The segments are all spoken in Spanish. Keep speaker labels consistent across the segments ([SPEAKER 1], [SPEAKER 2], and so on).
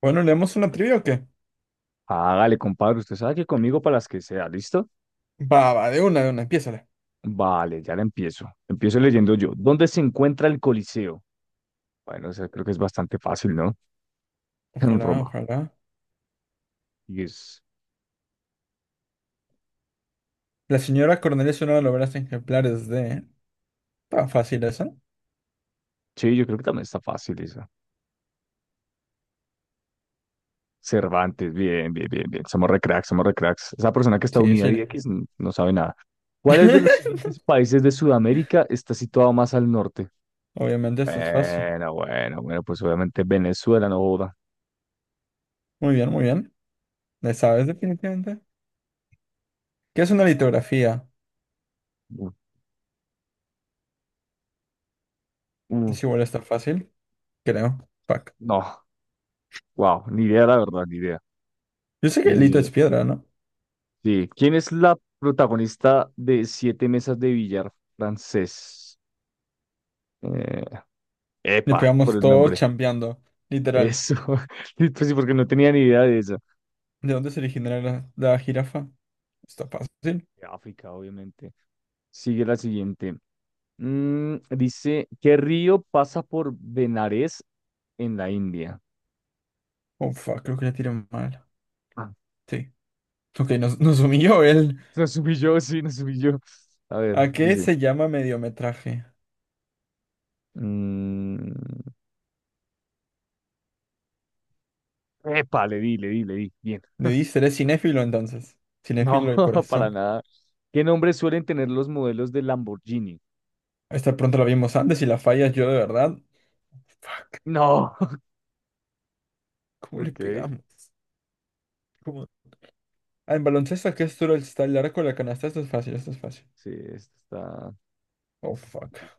[SPEAKER 1] Bueno, ¿leemos una trivia o qué?
[SPEAKER 2] Hágale, compadre, usted sabe que conmigo para las que sea, ¿listo?
[SPEAKER 1] Va, va, de una, empiézale.
[SPEAKER 2] Vale, ya la empiezo. Empiezo leyendo yo. ¿Dónde se encuentra el Coliseo? Bueno, o sea, creo que es bastante fácil, ¿no? En
[SPEAKER 1] Ojalá,
[SPEAKER 2] Roma.
[SPEAKER 1] ojalá.
[SPEAKER 2] Y es...
[SPEAKER 1] La señora Cornelia es una de las obras ejemplares de. Está fácil esa.
[SPEAKER 2] Sí, yo creo que también está fácil esa. Cervantes, bien, bien, bien, bien. Somos re cracks, somos re cracks. Esa persona que está
[SPEAKER 1] Sí,
[SPEAKER 2] unida a
[SPEAKER 1] sí.
[SPEAKER 2] X no sabe nada. ¿Cuál es de los siguientes países de Sudamérica está situado más al norte?
[SPEAKER 1] Obviamente esto es fácil.
[SPEAKER 2] Bueno, bueno, bueno, pues obviamente Venezuela no joda.
[SPEAKER 1] Muy bien, muy bien. ¿Le sabes
[SPEAKER 2] Mm,
[SPEAKER 1] definitivamente? ¿Qué es una litografía?
[SPEAKER 2] mm, mm,
[SPEAKER 1] Es igual está fácil, creo. Fuck.
[SPEAKER 2] no, wow, ni idea, la verdad, ni idea.
[SPEAKER 1] Yo sé que lito
[SPEAKER 2] Eh,
[SPEAKER 1] es piedra, ¿no?
[SPEAKER 2] sí. ¿Quién es la protagonista de Siete Mesas de Billar francés? Eh,
[SPEAKER 1] Le
[SPEAKER 2] Epa, por
[SPEAKER 1] pegamos
[SPEAKER 2] el
[SPEAKER 1] todo
[SPEAKER 2] nombre.
[SPEAKER 1] chambeando. Literal.
[SPEAKER 2] Eso. Sí, pues sí, porque no tenía ni idea de eso.
[SPEAKER 1] ¿De dónde se originará la jirafa? Está fácil.
[SPEAKER 2] De África, obviamente. Sigue la siguiente. Dice, ¿qué río pasa por Benares en la India?
[SPEAKER 1] Oh, fuck, creo que la tiré mal.
[SPEAKER 2] Ah,
[SPEAKER 1] Sí. Ok, nos humilló él.
[SPEAKER 2] nos subí yo, sí, nos subí yo. A ver,
[SPEAKER 1] ¿A qué
[SPEAKER 2] dice.
[SPEAKER 1] se llama mediometraje?
[SPEAKER 2] mm, Epa, le di, le di, le di. Bien.
[SPEAKER 1] Me dice, eres cinéfilo entonces. Cinéfilo
[SPEAKER 2] No,
[SPEAKER 1] de
[SPEAKER 2] para
[SPEAKER 1] corazón.
[SPEAKER 2] nada. ¿Qué nombres suelen tener los modelos de Lamborghini?
[SPEAKER 1] Esta pronto la vimos antes y la fallas yo de verdad. Fuck,
[SPEAKER 2] No.
[SPEAKER 1] ¿cómo le
[SPEAKER 2] Ok,
[SPEAKER 1] pegamos? ¿Cómo? Ah, en baloncesto, ¿a ¿qué es duro está el arco de la canasta? Esto es fácil, esto es fácil.
[SPEAKER 2] sí, esto está.
[SPEAKER 1] Oh, fuck.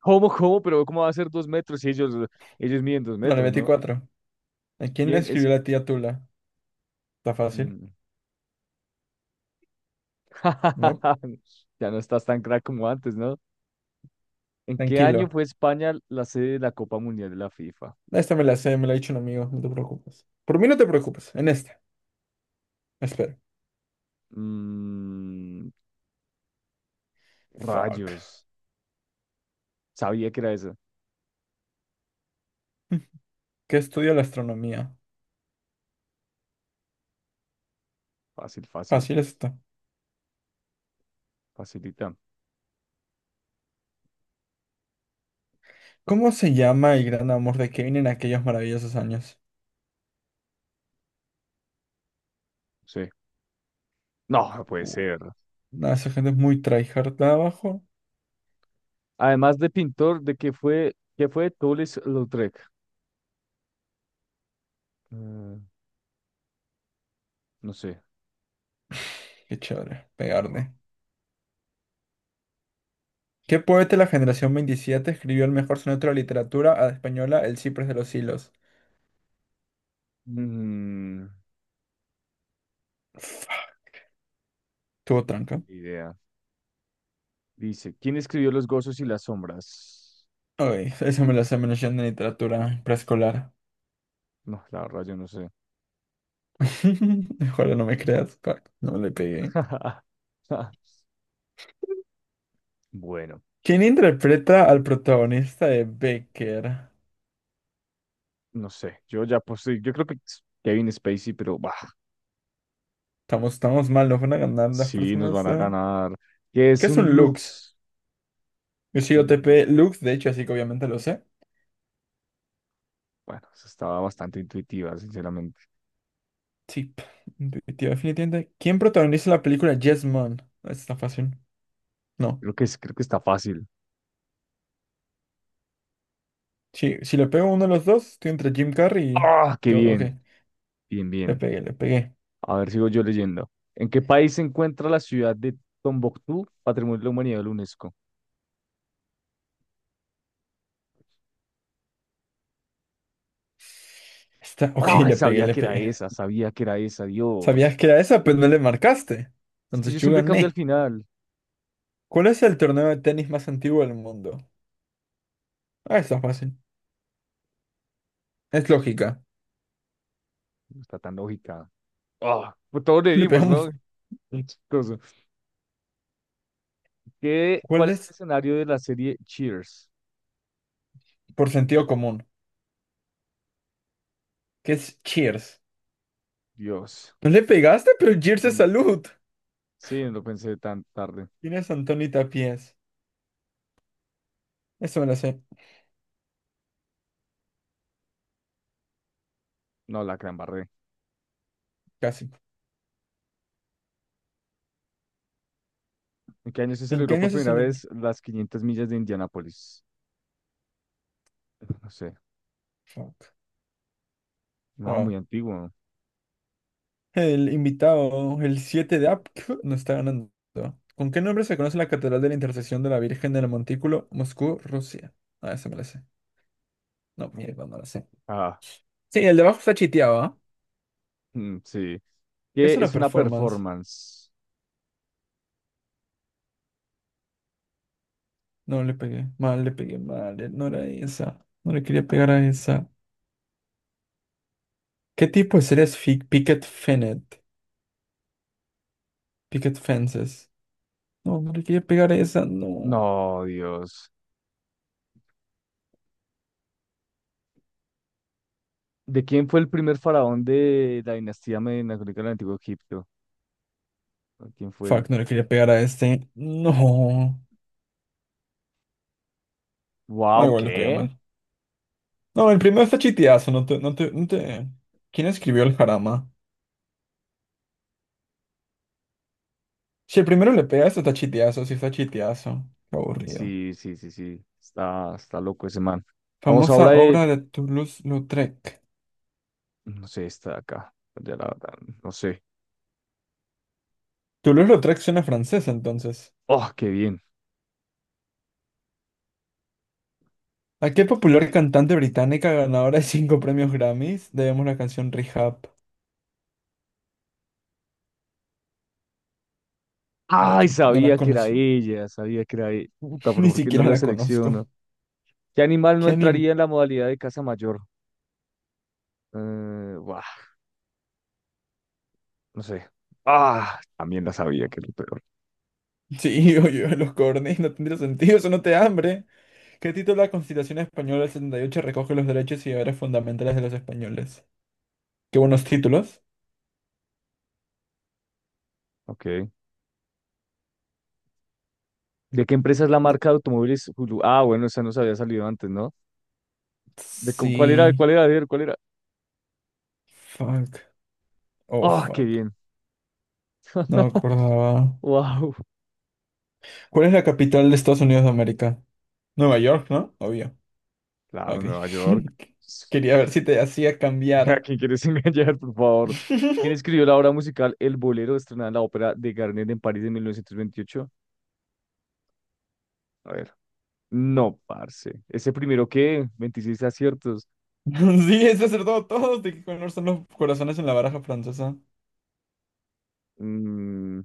[SPEAKER 2] ¿Cómo, cómo? Pero ¿cómo va a ser 2 metros si ellos miden dos
[SPEAKER 1] Bueno, la
[SPEAKER 2] metros, ¿no?
[SPEAKER 1] 24. ¿A quién le
[SPEAKER 2] ¿Quién es?
[SPEAKER 1] escribió la tía Tula? ¿Está fácil?
[SPEAKER 2] Mm.
[SPEAKER 1] ¿No?
[SPEAKER 2] Ya no estás tan crack como antes, ¿no? ¿En qué año
[SPEAKER 1] Tranquilo.
[SPEAKER 2] fue España la sede de la Copa Mundial de la FIFA?
[SPEAKER 1] Esta me la sé, me la ha dicho un amigo, no te preocupes. Por mí no te preocupes, en esta. Espera.
[SPEAKER 2] Mm,
[SPEAKER 1] Fuck.
[SPEAKER 2] Rayos. Sabía que era esa.
[SPEAKER 1] ¿Qué estudia la astronomía?
[SPEAKER 2] Fácil, fácil,
[SPEAKER 1] Fácil esto.
[SPEAKER 2] facilita.
[SPEAKER 1] ¿Cómo se llama el gran amor de Kevin en aquellos maravillosos años?
[SPEAKER 2] Sí. No, no puede
[SPEAKER 1] Uh,
[SPEAKER 2] ser.
[SPEAKER 1] Nada, esa gente es muy tryhard de abajo.
[SPEAKER 2] Además de pintor, qué fue Toulouse-Lautrec? Eh, no sé.
[SPEAKER 1] Qué chévere,
[SPEAKER 2] Wow.
[SPEAKER 1] pegarle. ¿Qué poeta de la generación 27 escribió el mejor soneto de la literatura a la española, El Ciprés de los Hilos?
[SPEAKER 2] Mm,
[SPEAKER 1] Fuck, tuvo
[SPEAKER 2] Ni
[SPEAKER 1] tranca.
[SPEAKER 2] idea. Dice, ¿quién escribió Los gozos y las sombras?
[SPEAKER 1] Ay, eso me lo hace menos en literatura preescolar.
[SPEAKER 2] No, la verdad, yo no sé.
[SPEAKER 1] Ojalá no me creas. Fuck, no le pegué.
[SPEAKER 2] Bueno,
[SPEAKER 1] ¿Quién interpreta al protagonista de Becker?
[SPEAKER 2] no sé. Yo ya posé, yo creo que es Kevin Spacey, pero bah,
[SPEAKER 1] Estamos, estamos mal, nos van a ganar las
[SPEAKER 2] sí, nos van
[SPEAKER 1] personas.
[SPEAKER 2] a ganar. ¿Qué
[SPEAKER 1] ¿Qué
[SPEAKER 2] es
[SPEAKER 1] es
[SPEAKER 2] un
[SPEAKER 1] un Lux?
[SPEAKER 2] Lux?
[SPEAKER 1] Sí,
[SPEAKER 2] Bueno,
[SPEAKER 1] OTP Lux, de hecho, así que obviamente lo sé.
[SPEAKER 2] bueno, esa estaba bastante intuitiva, sinceramente.
[SPEAKER 1] Sí, intuitivo, definitivamente. ¿Quién protagoniza la película Yes Man? Esta está fácil. No.
[SPEAKER 2] Creo que está fácil.
[SPEAKER 1] Sí, si le pego a uno de los dos, estoy entre Jim Carrey y
[SPEAKER 2] ¡Ah, qué
[SPEAKER 1] yo. Ok,
[SPEAKER 2] bien! Bien,
[SPEAKER 1] le
[SPEAKER 2] bien.
[SPEAKER 1] pegué, le pegué.
[SPEAKER 2] A ver, sigo yo leyendo. ¿En qué país se encuentra la ciudad de Tombuctú, Patrimonio de la Humanidad de la UNESCO?
[SPEAKER 1] Está, ok,
[SPEAKER 2] No,
[SPEAKER 1] le pegué,
[SPEAKER 2] sabía
[SPEAKER 1] le
[SPEAKER 2] que era
[SPEAKER 1] pegué.
[SPEAKER 2] esa, sabía que era esa,
[SPEAKER 1] Sabías
[SPEAKER 2] Dios.
[SPEAKER 1] que era esa, pero no le marcaste.
[SPEAKER 2] Es que
[SPEAKER 1] Entonces
[SPEAKER 2] yo
[SPEAKER 1] yo
[SPEAKER 2] siempre cambio al
[SPEAKER 1] gané.
[SPEAKER 2] final.
[SPEAKER 1] ¿Cuál es el torneo de tenis más antiguo del mundo? Ah, está fácil. Es lógica.
[SPEAKER 2] No está tan lógica. Ah, pues todos le
[SPEAKER 1] Le
[SPEAKER 2] dimos,
[SPEAKER 1] pegamos.
[SPEAKER 2] ¿no? Qué chistoso. ¿Qué-
[SPEAKER 1] ¿Cuál
[SPEAKER 2] cuál es el
[SPEAKER 1] es
[SPEAKER 2] escenario de la serie Cheers?
[SPEAKER 1] por sentido común? ¿Qué es Cheers?
[SPEAKER 2] Dios.
[SPEAKER 1] No le pegaste, pero Cheers es
[SPEAKER 2] Mm,
[SPEAKER 1] salud.
[SPEAKER 2] Sí, no lo pensé tan tarde.
[SPEAKER 1] ¿Quién es Antoni Tapies, eso me lo sé
[SPEAKER 2] No, la gran barré.
[SPEAKER 1] casi.
[SPEAKER 2] ¿En qué año se
[SPEAKER 1] ¿En qué
[SPEAKER 2] celebró por
[SPEAKER 1] año se
[SPEAKER 2] primera
[SPEAKER 1] celebró?
[SPEAKER 2] vez las 500 millas de Indianápolis? No sé.
[SPEAKER 1] Fuck.
[SPEAKER 2] No, muy
[SPEAKER 1] Wow.
[SPEAKER 2] antiguo.
[SPEAKER 1] El invitado, el 7 de AP, no está ganando. ¿Con qué nombre se conoce la Catedral de la Intersección de la Virgen del Montículo, Moscú, Rusia? Ah, eso me lo sé. No, mierda, no lo sé.
[SPEAKER 2] Ah,
[SPEAKER 1] Sí, el de abajo está chiteado, ¿ah?
[SPEAKER 2] mm, sí. ¿Qué
[SPEAKER 1] Es una
[SPEAKER 2] es una
[SPEAKER 1] performance.
[SPEAKER 2] performance?
[SPEAKER 1] No le pegué. Mal, le pegué mal. No era esa. No le quería pegar a esa. ¿Qué tipo de serie es Picket Fennet, Picket Fences. No, no le quería pegar a esa. No.
[SPEAKER 2] No, Dios. ¿De quién fue el primer faraón de la dinastía media del Antiguo Egipto? ¿Quién fue?
[SPEAKER 1] Fuck, no le quería pegar a este. No. Ah,
[SPEAKER 2] Wow,
[SPEAKER 1] igual le pegué
[SPEAKER 2] ¿qué?
[SPEAKER 1] mal. No, el primero está chiteazo, no te, no te, no te. ¿Quién escribió el jarama? Si el primero le pegas, está chiteazo, sí está chiteazo. Qué aburrido.
[SPEAKER 2] Sí, sí, sí, sí. Está loco ese man. Vamos
[SPEAKER 1] Famosa
[SPEAKER 2] ahora de.
[SPEAKER 1] obra de Toulouse-Lautrec.
[SPEAKER 2] No sé, está de acá. Ya la verdad, no sé.
[SPEAKER 1] Toulouse-Lautrec suena francés, entonces.
[SPEAKER 2] Oh, qué bien.
[SPEAKER 1] ¿A qué popular cantante británica ganadora de cinco premios Grammys debemos la canción Rehab? Ah, ok,
[SPEAKER 2] Ay,
[SPEAKER 1] no la
[SPEAKER 2] sabía que era
[SPEAKER 1] conocí.
[SPEAKER 2] ella, sabía que era ella. Puta, pero
[SPEAKER 1] Ni
[SPEAKER 2] ¿por qué no
[SPEAKER 1] siquiera
[SPEAKER 2] la
[SPEAKER 1] la conozco.
[SPEAKER 2] selecciono? ¿Qué animal no
[SPEAKER 1] ¿Qué
[SPEAKER 2] entraría
[SPEAKER 1] anim...
[SPEAKER 2] en la modalidad de caza mayor? Buah, no sé. Ah, también la sabía que era lo peor.
[SPEAKER 1] Sí, oye, los cornes, no tendría sentido, eso no te da hambre. ¿Qué título de la Constitución Española del 78 recoge los derechos y deberes fundamentales de los españoles? Qué buenos títulos.
[SPEAKER 2] Ok. ¿De qué empresa es la
[SPEAKER 1] De-
[SPEAKER 2] marca de automóviles Hulu? Ah, bueno, esa nos había salido antes, ¿no? ¿Cuál era?
[SPEAKER 1] Sí.
[SPEAKER 2] ¿Cuál era? A ver, ¿cuál era?
[SPEAKER 1] Fuck. Oh,
[SPEAKER 2] ¡Ah, qué
[SPEAKER 1] fuck.
[SPEAKER 2] bien!
[SPEAKER 1] No me acordaba.
[SPEAKER 2] ¡Wow!
[SPEAKER 1] ¿Cuál es la capital de Estados Unidos de América? Nueva York, ¿no? Obvio.
[SPEAKER 2] Claro,
[SPEAKER 1] Ok.
[SPEAKER 2] Nueva York.
[SPEAKER 1] Quería ver si te hacía
[SPEAKER 2] ¿A
[SPEAKER 1] cambiar.
[SPEAKER 2] quién quieres engañar, por favor? ¿Quién escribió la obra musical El Bolero, estrenada en la ópera de Garnier en París de 1928? A ver. No, parce. ¿Ese primero qué? 26 aciertos.
[SPEAKER 1] Sí, es acertado todos. ¿De qué color son los corazones en la baraja francesa?
[SPEAKER 2] Mm,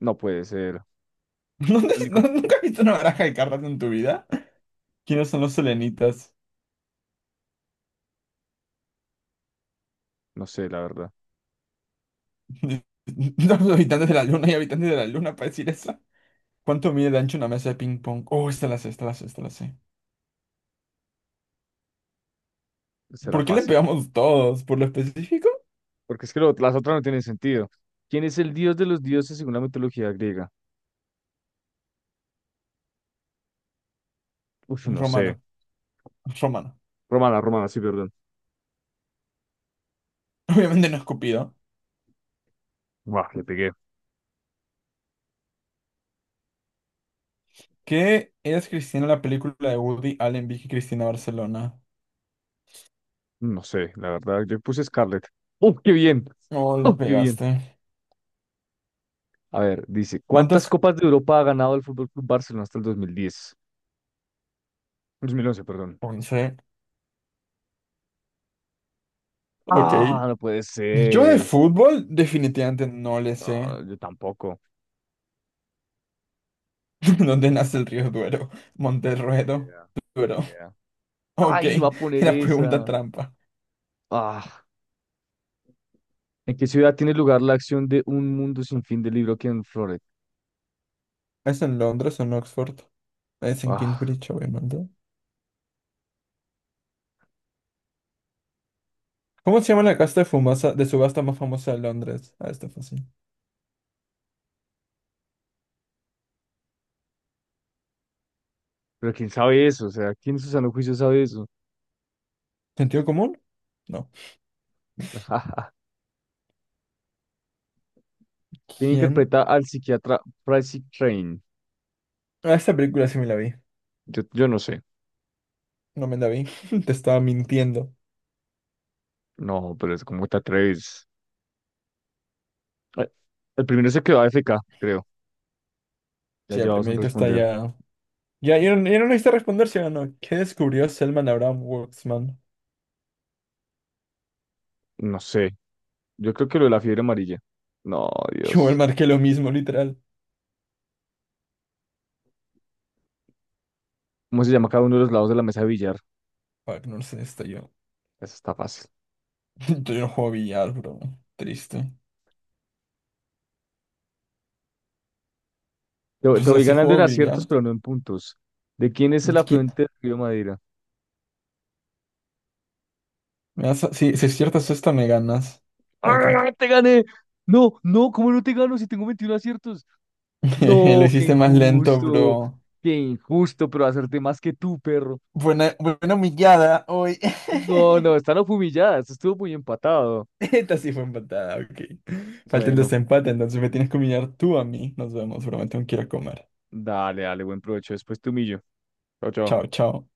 [SPEAKER 2] no puede ser. Lo único,
[SPEAKER 1] ¿Nunca has visto una baraja de cartas en tu vida? ¿Quiénes son los selenitas?
[SPEAKER 2] no sé, la verdad.
[SPEAKER 1] Los habitantes de la luna y habitantes de la luna para decir eso. ¿Cuánto mide de ancho una mesa de ping pong? Oh, esta la sé, esta la sé, esta la sé.
[SPEAKER 2] Será
[SPEAKER 1] ¿Por qué le
[SPEAKER 2] fácil.
[SPEAKER 1] pegamos todos? ¿Por lo específico?
[SPEAKER 2] Porque es que las otras no tienen sentido. ¿Quién es el dios de los dioses según la mitología griega? Uf, no sé.
[SPEAKER 1] Romano. Romano.
[SPEAKER 2] Romana, Romana, sí, perdón.
[SPEAKER 1] Obviamente no escupido.
[SPEAKER 2] Buah, le pegué.
[SPEAKER 1] ¿Qué es Cristina la película de Woody Allen, Vicky Cristina Barcelona?
[SPEAKER 2] No sé, la verdad, yo puse Scarlett. ¡Uf, qué bien!
[SPEAKER 1] Oh, le
[SPEAKER 2] ¡Uf, qué bien!
[SPEAKER 1] pegaste.
[SPEAKER 2] A ver, dice, ¿cuántas
[SPEAKER 1] ¿Cuántas?
[SPEAKER 2] Copas de Europa ha ganado el Fútbol Club Barcelona hasta el 2010, 2011, perdón?
[SPEAKER 1] 11. Ok.
[SPEAKER 2] ¡Ah, no puede
[SPEAKER 1] Yo de
[SPEAKER 2] ser!
[SPEAKER 1] fútbol definitivamente no le sé.
[SPEAKER 2] Ah, yo tampoco.
[SPEAKER 1] ¿Dónde nace el río Duero?
[SPEAKER 2] Ni
[SPEAKER 1] Monterruedo.
[SPEAKER 2] idea, ni
[SPEAKER 1] Duero.
[SPEAKER 2] idea.
[SPEAKER 1] Ok.
[SPEAKER 2] ¡Ay, iba a poner
[SPEAKER 1] Era pregunta
[SPEAKER 2] esa!
[SPEAKER 1] trampa.
[SPEAKER 2] ¡Ah! ¿En qué ciudad tiene lugar la acción de Un Mundo Sin Fin del libro Ken Floret?
[SPEAKER 1] ¿Es en Londres o en Oxford? Es en
[SPEAKER 2] ¡Ah!
[SPEAKER 1] Kingsbridge, obviamente. ¿Cómo se llama la casa de subasta más famosa de Londres? Ah, está fácil.
[SPEAKER 2] Pero ¿quién sabe eso? O sea, ¿quién en su sano juicio sabe eso?
[SPEAKER 1] ¿Sentido común? No.
[SPEAKER 2] ¿Quién
[SPEAKER 1] ¿Quién?
[SPEAKER 2] interpreta al psiquiatra Pricey Train?
[SPEAKER 1] Ah, esta película sí me la vi.
[SPEAKER 2] Yo no sé.
[SPEAKER 1] No me la vi. Te estaba mintiendo.
[SPEAKER 2] No, pero es como te atreves. Ay, el primero se quedó AFK, creo. Ya
[SPEAKER 1] Sí, el
[SPEAKER 2] llevamos sin
[SPEAKER 1] primerito está
[SPEAKER 2] responder.
[SPEAKER 1] ya. Ya, ya, no ya no necesito responder si o no. ¿Qué descubrió Selman Abraham Waxman?
[SPEAKER 2] No sé. Yo creo que lo de la fiebre amarilla. No,
[SPEAKER 1] Que igual
[SPEAKER 2] Dios.
[SPEAKER 1] marqué lo mismo, literal.
[SPEAKER 2] ¿Cómo se llama cada uno de los lados de la mesa de billar?
[SPEAKER 1] Fuck, no sé, está yo.
[SPEAKER 2] Eso está fácil.
[SPEAKER 1] Yo no juego billar, bro. Triste.
[SPEAKER 2] Te,
[SPEAKER 1] O
[SPEAKER 2] te
[SPEAKER 1] sea,
[SPEAKER 2] voy
[SPEAKER 1] si
[SPEAKER 2] ganando en
[SPEAKER 1] juego billar.
[SPEAKER 2] aciertos, pero no en puntos. ¿De quién es el
[SPEAKER 1] ¿Qué?
[SPEAKER 2] afluente del río Madeira?
[SPEAKER 1] Si, si aciertas esta, me ganas. Ok.
[SPEAKER 2] ¡Ah, te gané! No, no, ¿cómo no te gano si tengo 21 aciertos?
[SPEAKER 1] Lo
[SPEAKER 2] No, qué
[SPEAKER 1] hiciste más lento,
[SPEAKER 2] injusto.
[SPEAKER 1] bro.
[SPEAKER 2] Qué injusto, pero hacerte más que tú, perro.
[SPEAKER 1] Buena, buena humillada hoy.
[SPEAKER 2] No, no, están humilladas. Estuvo muy empatado.
[SPEAKER 1] Esta sí fue empatada, ok. Falta el
[SPEAKER 2] Bueno,
[SPEAKER 1] desempate, entonces me tienes que humillar tú a mí. Nos vemos, bro. Me tengo que ir a comer.
[SPEAKER 2] dale, dale, buen provecho. Después te humillo. Chao, chao.
[SPEAKER 1] Chao, chao.